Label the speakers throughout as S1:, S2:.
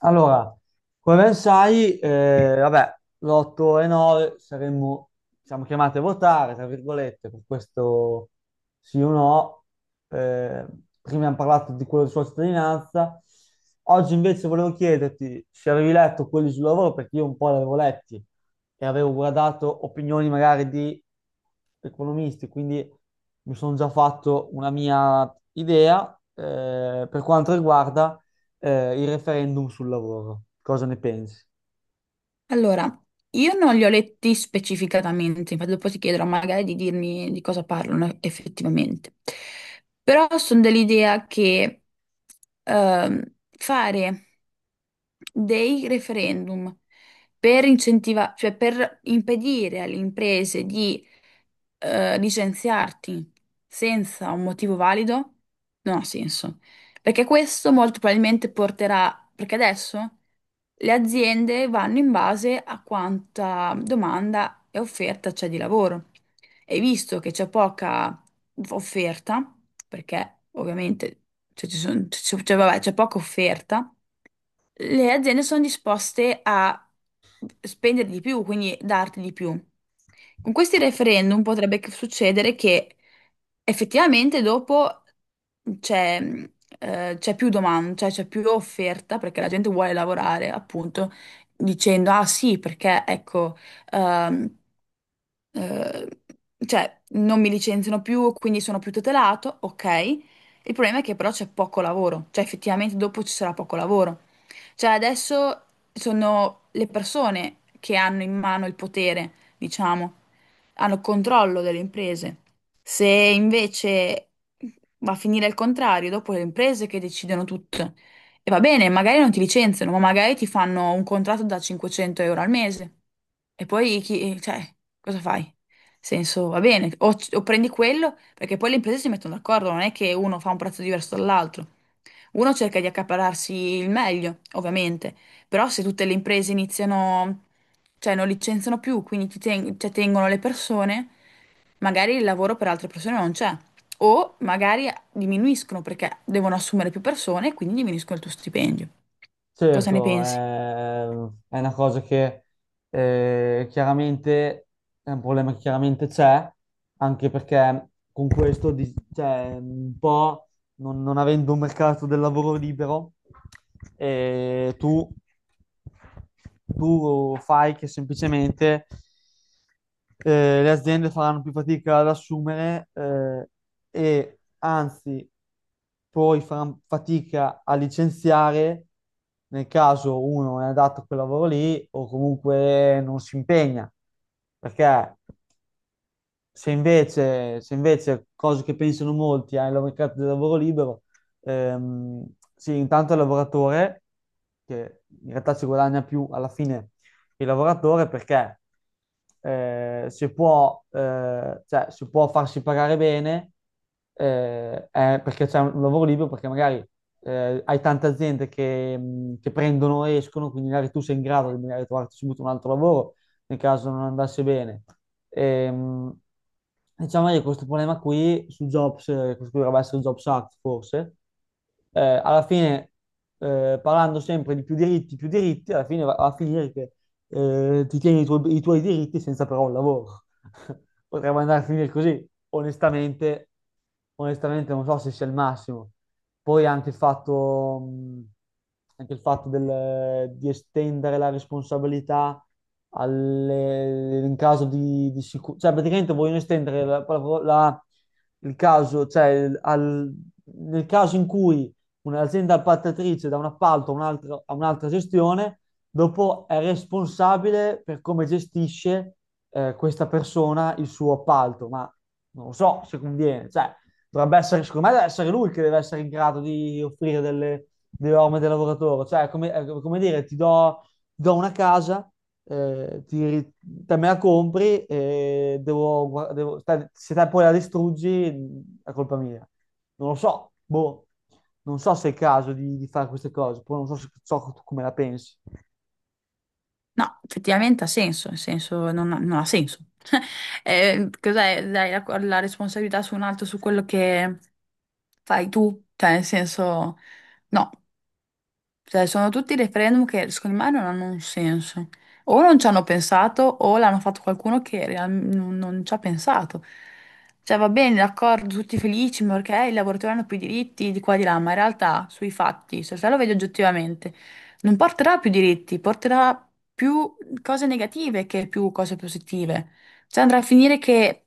S1: Allora, come ben sai, l'8 e 9 siamo chiamati a votare, tra virgolette, per questo sì o no. Eh, Prima abbiamo parlato di quello di sua cittadinanza. Oggi invece volevo chiederti se avevi letto quelli sul lavoro, perché io un po' li avevo letti e avevo guardato opinioni magari di economisti, quindi mi sono già fatto una mia idea per quanto riguarda il referendum sul lavoro. Cosa ne pensi?
S2: Allora, io non li ho letti specificatamente, infatti dopo ti chiederò magari di dirmi di cosa parlano effettivamente. Però sono dell'idea che ehm, fare dei referendum per cioè per impedire alle imprese di licenziarti senza un motivo valido non ha senso. Perché questo molto probabilmente porterà, perché adesso le aziende vanno in base a quanta domanda e offerta c'è di lavoro. E visto che c'è poca offerta, perché ovviamente cioè, ci son- c'è c'è- vabbè, c'è poca offerta, le aziende sono disposte a spendere di più, quindi darti di più. Con questi referendum potrebbe succedere che effettivamente dopo c'è c'è più domanda, cioè c'è più offerta perché la gente vuole lavorare, appunto, dicendo ah sì, perché ecco, ehm, eh, cioè non mi licenziano più, quindi sono più tutelato, ok. Il problema è che però c'è poco lavoro, cioè effettivamente dopo ci sarà poco lavoro. Cioè adesso sono le persone che hanno in mano il potere, diciamo, hanno controllo delle imprese. Se invece va a finire il contrario, dopo le imprese che decidono tutto. E va bene, magari non ti licenziano, ma magari ti fanno un contratto da 500 euro al mese. E poi chi, cioè, cosa fai? Senso, va bene, o prendi quello, perché poi le imprese si mettono d'accordo, non è che uno fa un prezzo diverso dall'altro. Uno cerca di accaparrarsi il meglio, ovviamente, però se tutte le imprese iniziano, cioè non licenziano più, quindi cioè, tengono le persone, magari il lavoro per altre persone non c'è. O magari diminuiscono perché devono assumere più persone e quindi diminuiscono il tuo stipendio. Cosa ne
S1: Certo,
S2: pensi?
S1: è una cosa che chiaramente è un problema che chiaramente c'è, anche perché con questo, un po', non avendo un mercato del lavoro libero, eh, tu, tu fai che semplicemente le aziende faranno più fatica ad assumere, e anzi poi faranno fatica a licenziare nel caso uno non è adatto a quel lavoro lì o comunque non si impegna. Perché? Se invece, cosa che pensano molti, hai il mercato del lavoro libero, ehm, sì, intanto il lavoratore, che in realtà ci guadagna più alla fine il lavoratore perché, se può, cioè, se può farsi pagare bene, è perché c'è un lavoro libero, perché magari hai tante aziende che prendono e escono, quindi magari tu sei in grado di magari trovarti subito un altro lavoro nel caso non andasse bene. Ehm, diciamo che questo problema qui su Jobs, questo qui dovrebbe essere il Jobs Act forse. Alla fine, parlando sempre di più diritti, alla fine va a finire che, ti tieni i tuoi diritti senza però un lavoro. Potrebbe andare a finire così. Onestamente, onestamente non so se sia il massimo. Poi anche il fatto di estendere la responsabilità in caso di sicurezza. Cioè, praticamente vogliono estendere la- la- la- il caso, cioè, il- al- nel caso in cui un'azienda appaltatrice dà un appalto a un'altra gestione, dopo è responsabile per come gestisce, questa persona, il suo appalto. Ma non lo so se conviene. Cioè, dovrebbe essere, secondo me deve essere lui che deve essere in grado di offrire delle orme del lavoratore. Cioè, come, è come dire ti do una casa, te me la compri e devo, gua- devo- te- se te poi la distruggi, è colpa mia, non lo so, boh. Non so se è il caso di fare queste cose. Poi non so se, so tu come la pensi.
S2: No, effettivamente ha senso, nel senso non ha senso. Cos'è? Dai la responsabilità su un altro, su quello che fai tu, cioè nel senso no. Cioè, sono tutti referendum che secondo me non hanno un senso. O non ci hanno pensato, o l'hanno fatto qualcuno che non ci ha pensato. Cioè, va bene, d'accordo, tutti felici, ma perché i lavoratori hanno più diritti di qua e di là, ma in realtà, sui fatti, se te lo vedi oggettivamente, non porterà più diritti, porterà più cose negative che più cose positive. Cioè, andrà a finire che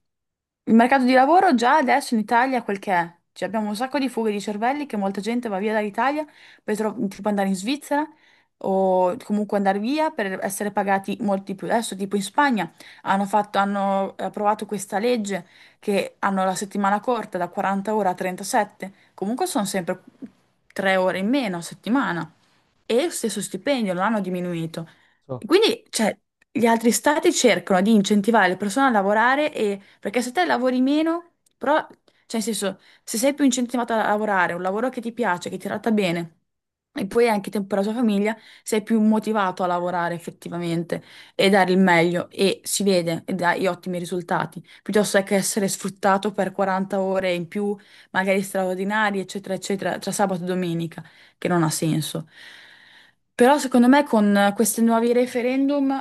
S2: il mercato di lavoro già adesso in Italia è quel che è. Cioè, abbiamo un sacco di fughe di cervelli che molta gente va via dall'Italia tipo andare in Svizzera o comunque andare via per essere pagati molti più. Adesso tipo in Spagna hanno approvato questa legge che hanno la settimana corta da 40 ore a 37, comunque sono sempre 3 ore in meno a settimana e lo stesso stipendio, non hanno diminuito.
S1: So-
S2: Quindi, cioè, gli altri stati cercano di incentivare le persone a lavorare e, perché se te lavori meno, però, cioè, nel senso, se sei più incentivato a lavorare, un lavoro che ti piace, che ti tratta bene, e poi hai anche tempo per la tua famiglia, sei più motivato a lavorare effettivamente e dare il meglio e si vede e dai ottimi risultati, piuttosto che essere sfruttato per 40 ore in più, magari straordinarie, eccetera, eccetera, tra sabato e domenica che non ha senso. Però secondo me con questi nuovi referendum,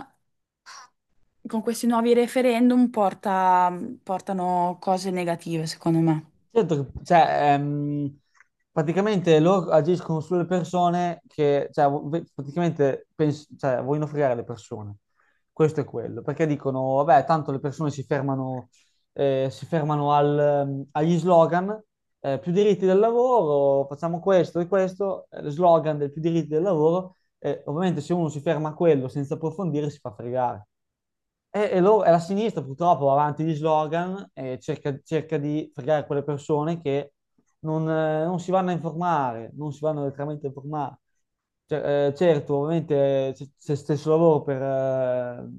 S2: con questi nuovi referendum portano cose negative, secondo me.
S1: Certo, cioè, praticamente loro agiscono sulle persone che, cioè, cioè, vogliono fregare le persone. Questo è quello, perché dicono, vabbè, tanto le persone si fermano al, agli slogan, più diritti del lavoro, facciamo questo e questo, slogan del più diritti del lavoro. Eh, ovviamente se uno si ferma a quello senza approfondire si fa fregare. E la sinistra purtroppo va avanti di slogan e cerca di fregare quelle persone che non si vanno a informare, non si vanno letteralmente a informare. Cioè, certo, ovviamente, c'è stesso lavoro per,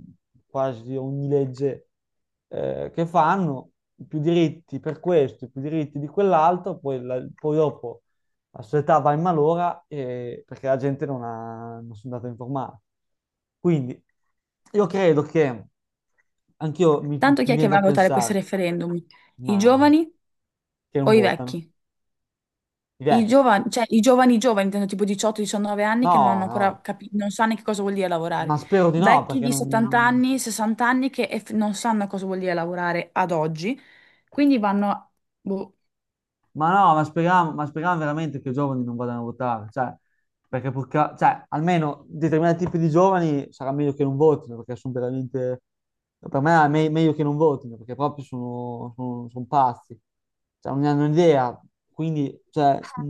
S1: quasi ogni legge che fanno, più diritti per questo, più diritti di quell'altro, poi, poi dopo aspettava in malora, perché la gente non ha, non sono andato a informare. Quindi io credo che anch'io mi
S2: Tanto chi è che
S1: viene
S2: va
S1: da
S2: a votare questi
S1: pensare,
S2: referendum? I
S1: ma
S2: giovani
S1: che
S2: o
S1: non
S2: i
S1: votano,
S2: vecchi?
S1: i
S2: I
S1: vecchi.
S2: giovani, cioè i giovani giovani, intendo tipo 18-19 anni che non hanno
S1: No,
S2: ancora
S1: no,
S2: capito, non sanno che cosa vuol dire lavorare.
S1: ma spero di no
S2: Vecchi
S1: perché
S2: di 70
S1: non,
S2: anni, 60 anni che non sanno cosa vuol dire lavorare ad oggi, quindi vanno boh.
S1: ma no, ma speriamo veramente che i giovani non vadano a votare. Cioè, perché cioè, almeno determinati tipi di giovani sarà meglio che non votino, perché sono veramente, per me è meglio che non votino, perché proprio sono, sono pazzi, cioè, non ne hanno idea. Quindi cioè,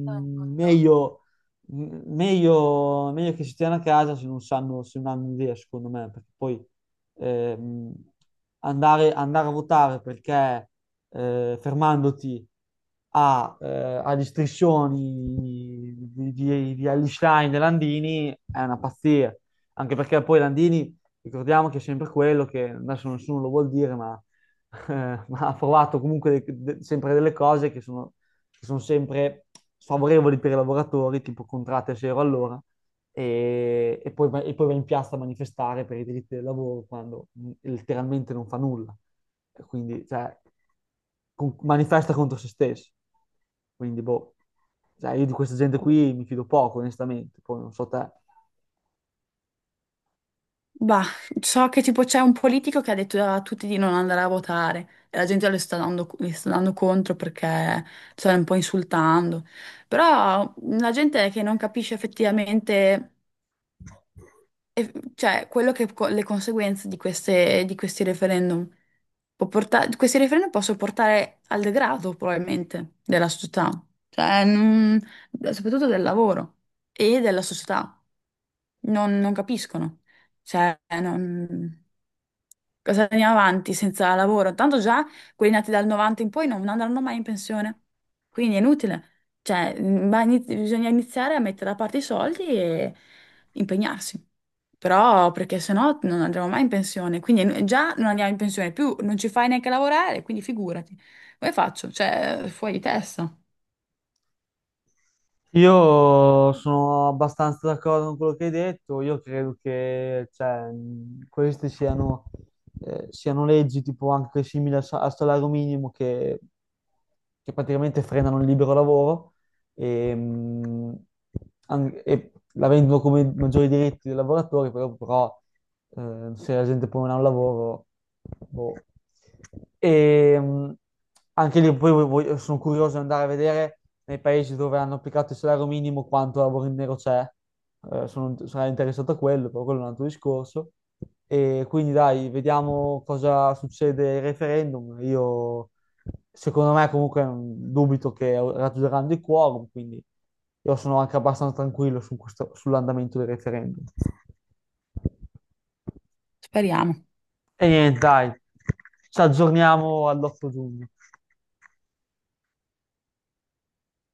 S1: meglio, meglio che si stiano a casa se non sanno, se non hanno idea, secondo me, perché poi, ehm, andare a votare perché, fermandoti a, eh, agli striscioni di Einstein e Landini, è una pazzia. Anche perché poi Landini, ricordiamo che è sempre quello che adesso nessuno lo vuol dire, ma, ma ha provato comunque sempre delle cose che sono sempre sfavorevoli per i lavoratori, tipo contratti a zero all'ora e, e poi va in piazza a manifestare per i diritti del lavoro quando, letteralmente non fa nulla. E quindi, cioè, manifesta contro se stesso. Quindi, boh, cioè, io di questa gente
S2: Boh.
S1: qui mi fido poco, onestamente. Poi non so te.
S2: Bah, so che tipo c'è un politico che ha detto a tutti di non andare a votare e la gente le sta dando contro perché sta un po' insultando. Però la gente è che non capisce effettivamente, cioè, quello che le conseguenze di di questi referendum questi referendum possono portare al degrado probabilmente della società, cioè, soprattutto del lavoro e della società non capiscono. Cioè, non... cosa andiamo avanti senza lavoro? Tanto già quelli nati dal 90 in poi non andranno mai in pensione, quindi è inutile. Cioè, bisogna iniziare a mettere da parte i soldi e impegnarsi. Però, perché sennò non andremo mai in pensione, quindi già non andiamo in pensione più, non ci fai neanche lavorare, quindi figurati. Come faccio? Cioè, fuori di testa.
S1: Io sono abbastanza d'accordo con quello che hai detto. Io credo che cioè, queste siano, siano leggi tipo anche simili al, al salario minimo che praticamente frenano il libero lavoro. E e la vendono come maggiori diritti dei lavoratori, però, se la gente poi non ha un lavoro, boh. E, anche lì poi sono curioso di andare a vedere nei paesi dove hanno applicato il salario minimo quanto lavoro in nero c'è. Sarei interessato a quello, però quello è un altro discorso. E quindi dai, vediamo cosa succede al referendum. Io Secondo me comunque, dubito che raggiungeranno il quorum, quindi io sono anche abbastanza tranquillo su sull'andamento del referendum.
S2: Speriamo.
S1: E niente, dai, ci aggiorniamo all'8 giugno.